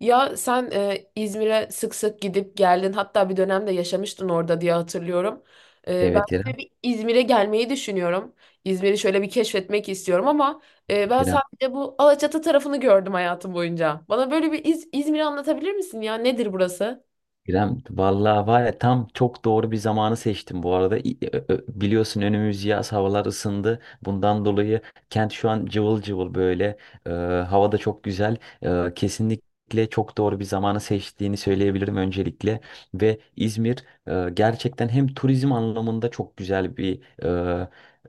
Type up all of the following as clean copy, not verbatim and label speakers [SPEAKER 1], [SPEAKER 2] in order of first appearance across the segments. [SPEAKER 1] Ya sen İzmir'e sık sık gidip geldin. Hatta bir dönemde yaşamıştın orada diye hatırlıyorum. Ben
[SPEAKER 2] Evet
[SPEAKER 1] şöyle
[SPEAKER 2] İrem,
[SPEAKER 1] bir İzmir'e gelmeyi düşünüyorum. İzmir'i şöyle bir keşfetmek istiyorum ama ben
[SPEAKER 2] İrem,
[SPEAKER 1] sadece bu Alaçatı tarafını gördüm hayatım boyunca. Bana böyle bir İzmir'i anlatabilir misin ya? Nedir burası?
[SPEAKER 2] İrem. Vallahi var ya tam çok doğru bir zamanı seçtim bu arada. Biliyorsun önümüz yaz, havalar ısındı. Bundan dolayı kent şu an cıvıl cıvıl böyle. Ee, Hava da çok güzel. Kesinlikle çok doğru bir zamanı seçtiğini söyleyebilirim öncelikle. Ve İzmir gerçekten hem turizm anlamında çok güzel bir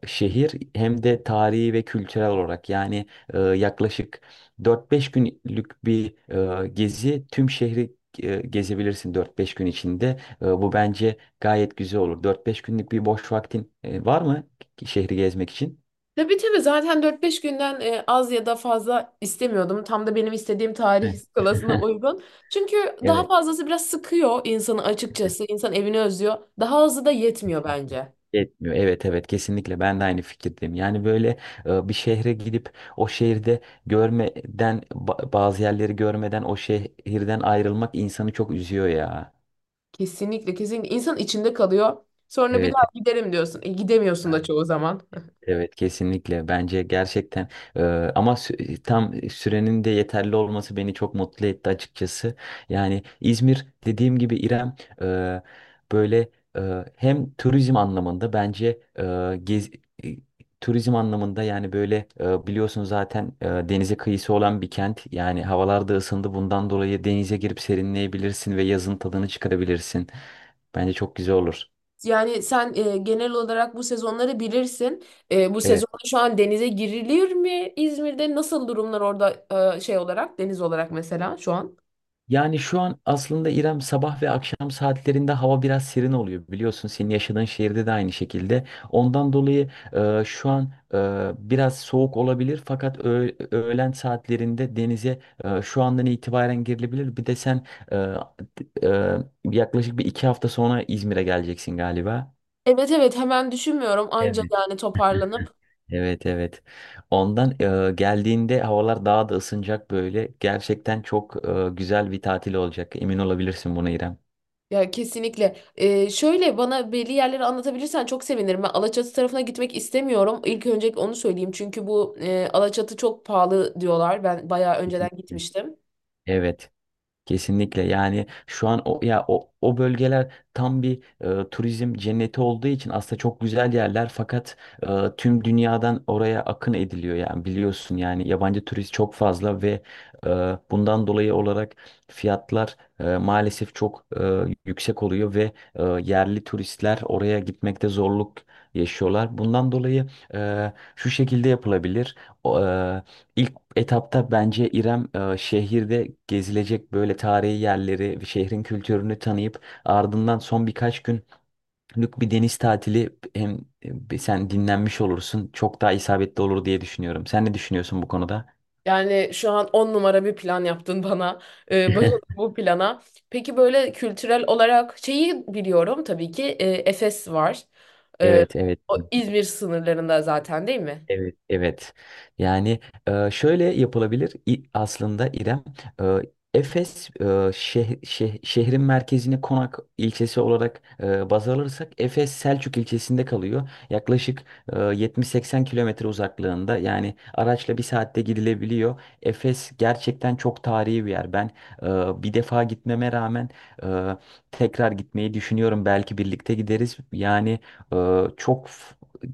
[SPEAKER 2] şehir hem de tarihi ve kültürel olarak yani yaklaşık dört beş günlük bir gezi tüm şehri gezebilirsin dört beş gün içinde. E, Bu bence gayet güzel olur. Dört beş günlük bir boş vaktin var mı şehri gezmek için?
[SPEAKER 1] Tabii tabii zaten dört beş günden az ya da fazla istemiyordum. Tam da benim istediğim
[SPEAKER 2] Heh.
[SPEAKER 1] tarih skalasına uygun. Çünkü daha
[SPEAKER 2] Evet.
[SPEAKER 1] fazlası biraz sıkıyor insanı
[SPEAKER 2] Evet.
[SPEAKER 1] açıkçası. İnsan evini özlüyor. Daha azı da yetmiyor bence.
[SPEAKER 2] Yetmiyor. Evet evet kesinlikle ben de aynı fikirdeyim. Yani böyle bir şehre gidip o şehirde görmeden bazı yerleri görmeden o şehirden ayrılmak insanı çok üzüyor ya.
[SPEAKER 1] Kesinlikle kesinlikle insan içinde kalıyor. Sonra bir
[SPEAKER 2] Evet.
[SPEAKER 1] daha giderim diyorsun. Gidemiyorsun da çoğu zaman.
[SPEAKER 2] Evet kesinlikle bence gerçekten, e, ama tam sürenin de yeterli olması beni çok mutlu etti açıkçası. Yani İzmir dediğim gibi İrem, e, böyle, hem turizm anlamında bence e, turizm anlamında yani böyle biliyorsun zaten denize kıyısı olan bir kent. Yani havalar da ısındı bundan dolayı denize girip serinleyebilirsin ve yazın tadını çıkarabilirsin. Bence çok güzel olur.
[SPEAKER 1] Yani sen genel olarak bu sezonları bilirsin. Bu
[SPEAKER 2] Evet.
[SPEAKER 1] sezonda şu an denize girilir mi İzmir'de? Nasıl durumlar orada şey olarak deniz olarak mesela şu an?
[SPEAKER 2] Yani şu an aslında İrem sabah ve akşam saatlerinde hava biraz serin oluyor biliyorsun. Senin yaşadığın şehirde de aynı şekilde. Ondan dolayı şu an biraz soğuk olabilir fakat öğlen saatlerinde denize şu andan itibaren girilebilir. Bir de sen e, e, yaklaşık bir iki hafta sonra İzmir'e geleceksin galiba.
[SPEAKER 1] Evet evet hemen düşünmüyorum anca
[SPEAKER 2] Evet.
[SPEAKER 1] yani toparlanıp.
[SPEAKER 2] Evet evet. Ondan geldiğinde havalar daha da ısınacak böyle. Gerçekten çok güzel bir tatil olacak. Emin olabilirsin buna İrem.
[SPEAKER 1] Ya kesinlikle. Şöyle bana belli yerleri anlatabilirsen çok sevinirim. Ben Alaçatı tarafına gitmek istemiyorum. İlk önce onu söyleyeyim. Çünkü bu Alaçatı çok pahalı diyorlar. Ben bayağı önceden
[SPEAKER 2] Kesinlikle.
[SPEAKER 1] gitmiştim.
[SPEAKER 2] Evet, kesinlikle. Yani şu an o bölgeler tam bir turizm cenneti olduğu için aslında çok güzel yerler fakat e, tüm dünyadan oraya akın ediliyor yani biliyorsun, yani yabancı turist çok fazla ve e, bundan dolayı olarak fiyatlar maalesef çok yüksek oluyor ve yerli turistler oraya gitmekte zorluk yaşıyorlar. Bundan dolayı şu şekilde yapılabilir. O, e, ilk etapta bence İrem şehirde gezilecek böyle tarihi yerleri ve şehrin kültürünü tanıyıp ardından son birkaç günlük bir deniz tatili, hem sen dinlenmiş olursun, çok daha isabetli olur diye düşünüyorum. Sen ne düşünüyorsun bu konuda?
[SPEAKER 1] Yani şu an on numara bir plan yaptın bana. Bayıldım bu plana. Peki böyle kültürel olarak şeyi biliyorum tabii ki Efes var. Ee,
[SPEAKER 2] Evet evet.
[SPEAKER 1] O İzmir sınırlarında zaten değil mi?
[SPEAKER 2] Evet, evet. Yani şöyle yapılabilir aslında İrem. e, Efes, şehrin merkezini Konak ilçesi olarak baz alırsak Efes Selçuk ilçesinde kalıyor. Yaklaşık 70-80 kilometre uzaklığında, yani araçla bir saatte gidilebiliyor. Efes gerçekten çok tarihi bir yer. Ben bir defa gitmeme rağmen e, tekrar gitmeyi düşünüyorum. Belki birlikte gideriz. Yani, e, çok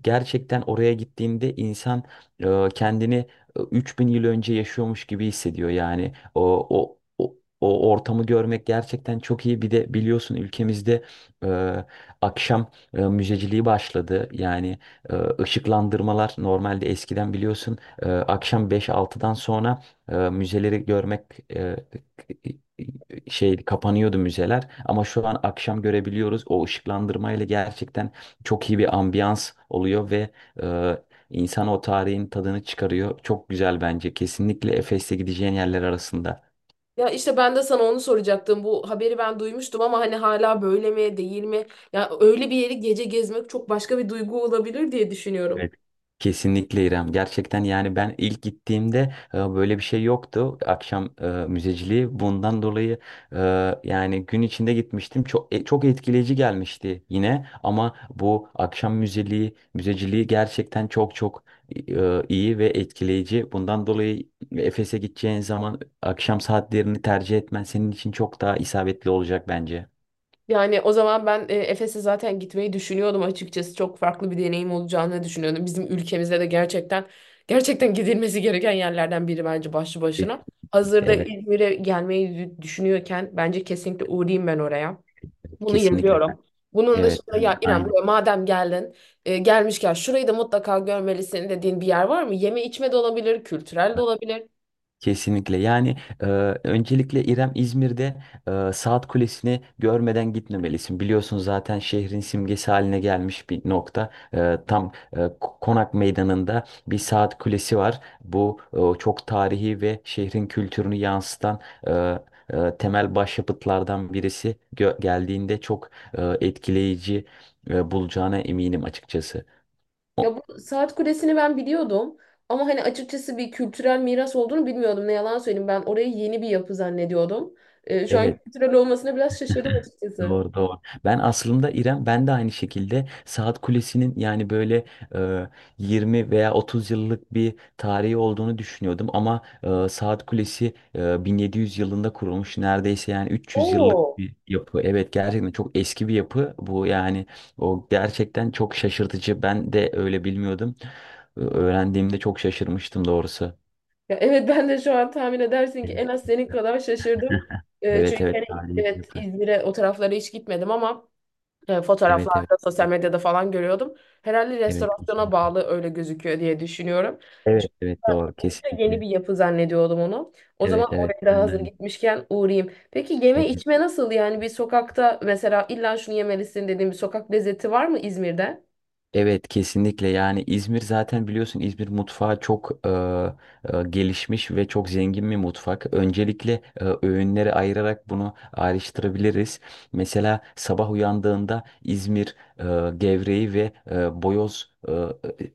[SPEAKER 2] gerçekten oraya gittiğinde insan kendini 3000 yıl önce yaşıyormuş gibi hissediyor yani. O ortamı görmek gerçekten çok iyi. Bir de biliyorsun ülkemizde e, akşam müzeciliği başladı. Yani e, ışıklandırmalar, normalde eskiden biliyorsun akşam 5-6'dan sonra müzeleri görmek e, kapanıyordu müzeler, ama şu an akşam görebiliyoruz. O ışıklandırmayla gerçekten çok iyi bir ambiyans oluyor ve e, insan o tarihin tadını çıkarıyor. Çok güzel bence. Kesinlikle Efes'te gideceğin yerler arasında.
[SPEAKER 1] Ya işte ben de sana onu soracaktım. Bu haberi ben duymuştum ama hani hala böyle mi değil mi? Ya öyle bir yeri gece gezmek çok başka bir duygu olabilir diye düşünüyorum.
[SPEAKER 2] Evet. Kesinlikle İrem. Gerçekten, yani ben ilk gittiğimde böyle bir şey yoktu. Akşam müzeciliği. Bundan dolayı e, yani gün içinde gitmiştim. Çok çok etkileyici gelmişti yine. Ama bu akşam müzeciliği gerçekten çok çok iyi ve etkileyici. Bundan dolayı Efes'e gideceğin zaman akşam saatlerini tercih etmen senin için çok daha isabetli olacak bence.
[SPEAKER 1] Yani o zaman ben Efes'e zaten gitmeyi düşünüyordum açıkçası. Çok farklı bir deneyim olacağını düşünüyordum. Bizim ülkemizde de gerçekten gerçekten gidilmesi gereken yerlerden biri bence başlı başına.
[SPEAKER 2] Kesin.
[SPEAKER 1] Hazırda
[SPEAKER 2] Evet,
[SPEAKER 1] İzmir'e gelmeyi düşünüyorken bence kesinlikle uğrayayım ben oraya. Bunu
[SPEAKER 2] kesinlikle.
[SPEAKER 1] yazıyorum. Bunun
[SPEAKER 2] Evet,
[SPEAKER 1] dışında ya İrem
[SPEAKER 2] aynen.
[SPEAKER 1] buraya madem geldin gelmişken şurayı da mutlaka görmelisin dediğin bir yer var mı? Yeme içme de olabilir, kültürel de olabilir.
[SPEAKER 2] Kesinlikle. Yani e, öncelikle İrem, İzmir'de Saat Kulesi'ni görmeden gitmemelisin. Biliyorsun zaten şehrin simgesi haline gelmiş bir nokta. E, tam Konak Meydanı'nda bir Saat Kulesi var. Bu çok tarihi ve şehrin kültürünü yansıtan e, temel başyapıtlardan birisi. Geldiğinde çok etkileyici bulacağına eminim açıkçası.
[SPEAKER 1] Ya
[SPEAKER 2] O-
[SPEAKER 1] bu saat kulesini ben biliyordum ama hani açıkçası bir kültürel miras olduğunu bilmiyordum. Ne yalan söyleyeyim ben orayı yeni bir yapı zannediyordum. Şu an
[SPEAKER 2] Evet.
[SPEAKER 1] kültürel olmasına biraz şaşırdım açıkçası.
[SPEAKER 2] Doğru doğru. Ben aslında İrem, ben de aynı şekilde Saat Kulesi'nin yani böyle e, 20 veya 30 yıllık bir tarihi olduğunu düşünüyordum, ama Saat Kulesi 1700 yılında kurulmuş neredeyse, yani 300 yıllık
[SPEAKER 1] Oo.
[SPEAKER 2] bir yapı. Evet gerçekten çok eski bir yapı bu, yani o gerçekten çok şaşırtıcı. Ben de öyle bilmiyordum. Öğrendiğimde çok şaşırmıştım doğrusu.
[SPEAKER 1] Ya evet ben de şu an tahmin edersin ki
[SPEAKER 2] Evet
[SPEAKER 1] en az senin kadar şaşırdım.
[SPEAKER 2] evet
[SPEAKER 1] Çünkü
[SPEAKER 2] evet,
[SPEAKER 1] hani
[SPEAKER 2] tarihi bir
[SPEAKER 1] evet
[SPEAKER 2] yapı.
[SPEAKER 1] İzmir'e o taraflara hiç gitmedim ama
[SPEAKER 2] Evet evet.
[SPEAKER 1] fotoğraflarda, sosyal medyada falan görüyordum. Herhalde
[SPEAKER 2] Evet
[SPEAKER 1] restorasyona
[SPEAKER 2] kesinlikle.
[SPEAKER 1] bağlı öyle gözüküyor diye düşünüyorum.
[SPEAKER 2] Evet evet doğru
[SPEAKER 1] Oldukça yeni
[SPEAKER 2] kesinlikle.
[SPEAKER 1] bir yapı zannediyordum onu. O zaman
[SPEAKER 2] Evet evet
[SPEAKER 1] oraya da
[SPEAKER 2] ben de
[SPEAKER 1] hazır gitmişken uğrayayım. Peki yeme
[SPEAKER 2] evet,
[SPEAKER 1] içme nasıl? Yani bir sokakta mesela illa şunu yemelisin dediğim bir sokak lezzeti var mı İzmir'de?
[SPEAKER 2] evet kesinlikle, yani İzmir zaten biliyorsun, İzmir mutfağı çok gelişmiş ve çok zengin bir mutfak. Öncelikle öğünleri ayırarak bunu ayrıştırabiliriz. Mesela sabah uyandığında İzmir gevreği ve boyoz e,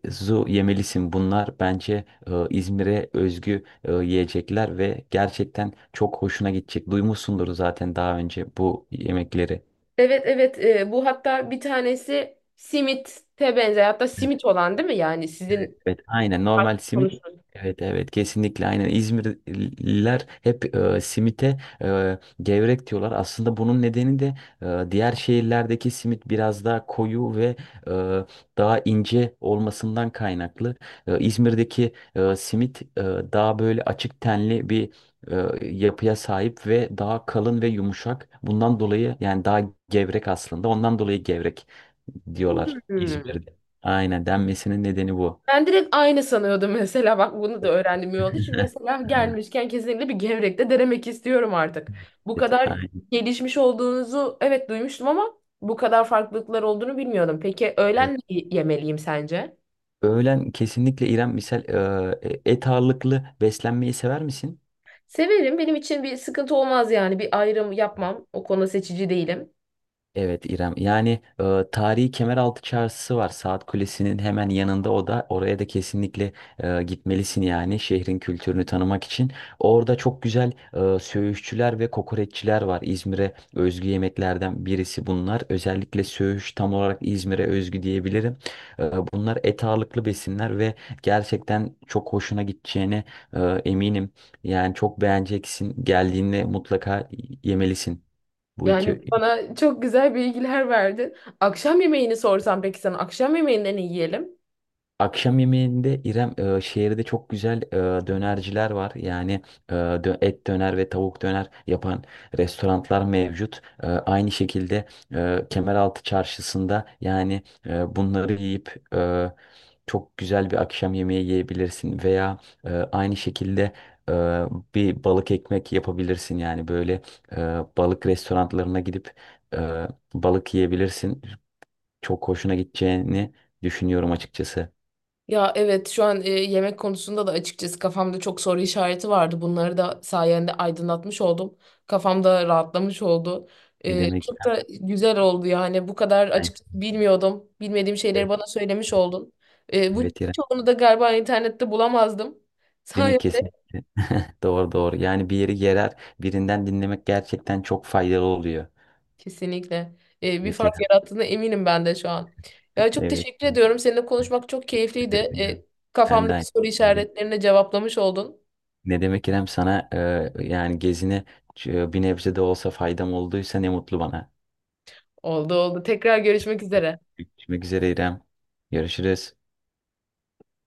[SPEAKER 2] e, zu yemelisin. Bunlar bence İzmir'e özgü yiyecekler ve gerçekten çok hoşuna gidecek. Duymuşsundur zaten daha önce bu yemekleri.
[SPEAKER 1] Evet evet bu hatta bir tanesi simite benzer hatta simit olan değil mi? Yani
[SPEAKER 2] Evet,
[SPEAKER 1] sizin
[SPEAKER 2] evet, aynen, normal simit.
[SPEAKER 1] konuştuğunuz.
[SPEAKER 2] Evet evet kesinlikle, aynen İzmirliler hep simite gevrek diyorlar. Aslında bunun nedeni de diğer şehirlerdeki simit biraz daha koyu ve e, daha ince olmasından kaynaklı. E, İzmir'deki simit daha böyle açık tenli bir yapıya sahip ve daha kalın ve yumuşak. Bundan dolayı yani daha gevrek aslında. Ondan dolayı gevrek diyorlar
[SPEAKER 1] Hmm.
[SPEAKER 2] İzmir'de. Aynen denmesinin nedeni bu.
[SPEAKER 1] Ben direkt aynı sanıyordum mesela bak bunu da öğrendim iyi oldu. Şimdi mesela
[SPEAKER 2] Aynen.
[SPEAKER 1] gelmişken kesinlikle bir gevrek de denemek istiyorum artık. Bu
[SPEAKER 2] Evet,
[SPEAKER 1] kadar
[SPEAKER 2] aynen.
[SPEAKER 1] gelişmiş olduğunuzu evet duymuştum ama bu kadar farklılıklar olduğunu bilmiyordum. Peki
[SPEAKER 2] Evet.
[SPEAKER 1] öğlen ne yemeliyim sence?
[SPEAKER 2] Öğlen kesinlikle İrem, misal et ağırlıklı beslenmeyi sever misin?
[SPEAKER 1] Severim benim için bir sıkıntı olmaz yani bir ayrım yapmam o konuda seçici değilim.
[SPEAKER 2] Evet İrem. Yani tarihi Kemeraltı Çarşısı var. Saat Kulesi'nin hemen yanında o da. Oraya da kesinlikle gitmelisin, yani şehrin kültürünü tanımak için. Orada çok güzel söğüşçüler ve kokoreççiler var. İzmir'e özgü yemeklerden birisi bunlar. Özellikle söğüş tam olarak İzmir'e özgü diyebilirim. E, bunlar et ağırlıklı besinler ve gerçekten çok hoşuna gideceğine eminim. Yani çok beğeneceksin. Geldiğinde mutlaka yemelisin bu iki.
[SPEAKER 1] Yani bana çok güzel bilgiler verdin. Akşam yemeğini sorsam peki sana akşam yemeğinde ne yiyelim?
[SPEAKER 2] Akşam yemeğinde İrem, şehirde çok güzel dönerciler var. Yani et döner ve tavuk döner yapan restoranlar mevcut. E, aynı şekilde Kemeraltı Çarşısı'nda yani bunları yiyip çok güzel bir akşam yemeği yiyebilirsin veya aynı şekilde e, bir balık ekmek yapabilirsin. Yani böyle e, balık restoranlarına gidip e, balık yiyebilirsin. Çok hoşuna gideceğini düşünüyorum açıkçası.
[SPEAKER 1] Ya evet şu an yemek konusunda da açıkçası kafamda çok soru işareti vardı. Bunları da sayende aydınlatmış oldum. Kafamda rahatlamış oldu.
[SPEAKER 2] Ne demek
[SPEAKER 1] Çok
[SPEAKER 2] İrem?
[SPEAKER 1] da güzel oldu yani bu kadar
[SPEAKER 2] Yani,
[SPEAKER 1] açıkçası bilmiyordum. Bilmediğim şeyleri
[SPEAKER 2] evet
[SPEAKER 1] bana söylemiş oldun. Bu
[SPEAKER 2] evet, İrem.
[SPEAKER 1] çoğunu da galiba internette bulamazdım.
[SPEAKER 2] Değil mi?
[SPEAKER 1] Sayende
[SPEAKER 2] Kesinlikle. Doğru doğru. Yani bir yeri gerer birinden dinlemek gerçekten çok faydalı oluyor.
[SPEAKER 1] kesinlikle bir
[SPEAKER 2] Evet
[SPEAKER 1] fark
[SPEAKER 2] İrem.
[SPEAKER 1] yarattığına eminim ben de şu an. Ya çok
[SPEAKER 2] Evet.
[SPEAKER 1] teşekkür ediyorum. Seninle konuşmak çok
[SPEAKER 2] Teşekkür
[SPEAKER 1] keyifliydi.
[SPEAKER 2] ederim İrem. Ben de
[SPEAKER 1] Kafamdaki
[SPEAKER 2] aynı
[SPEAKER 1] soru
[SPEAKER 2] şekilde.
[SPEAKER 1] işaretlerini cevaplamış oldun.
[SPEAKER 2] Ne demek İrem, sana yani gezine bir nebze de olsa faydam olduysa ne mutlu bana.
[SPEAKER 1] Oldu oldu. Tekrar görüşmek üzere.
[SPEAKER 2] Görüşmek üzere İrem. Görüşürüz.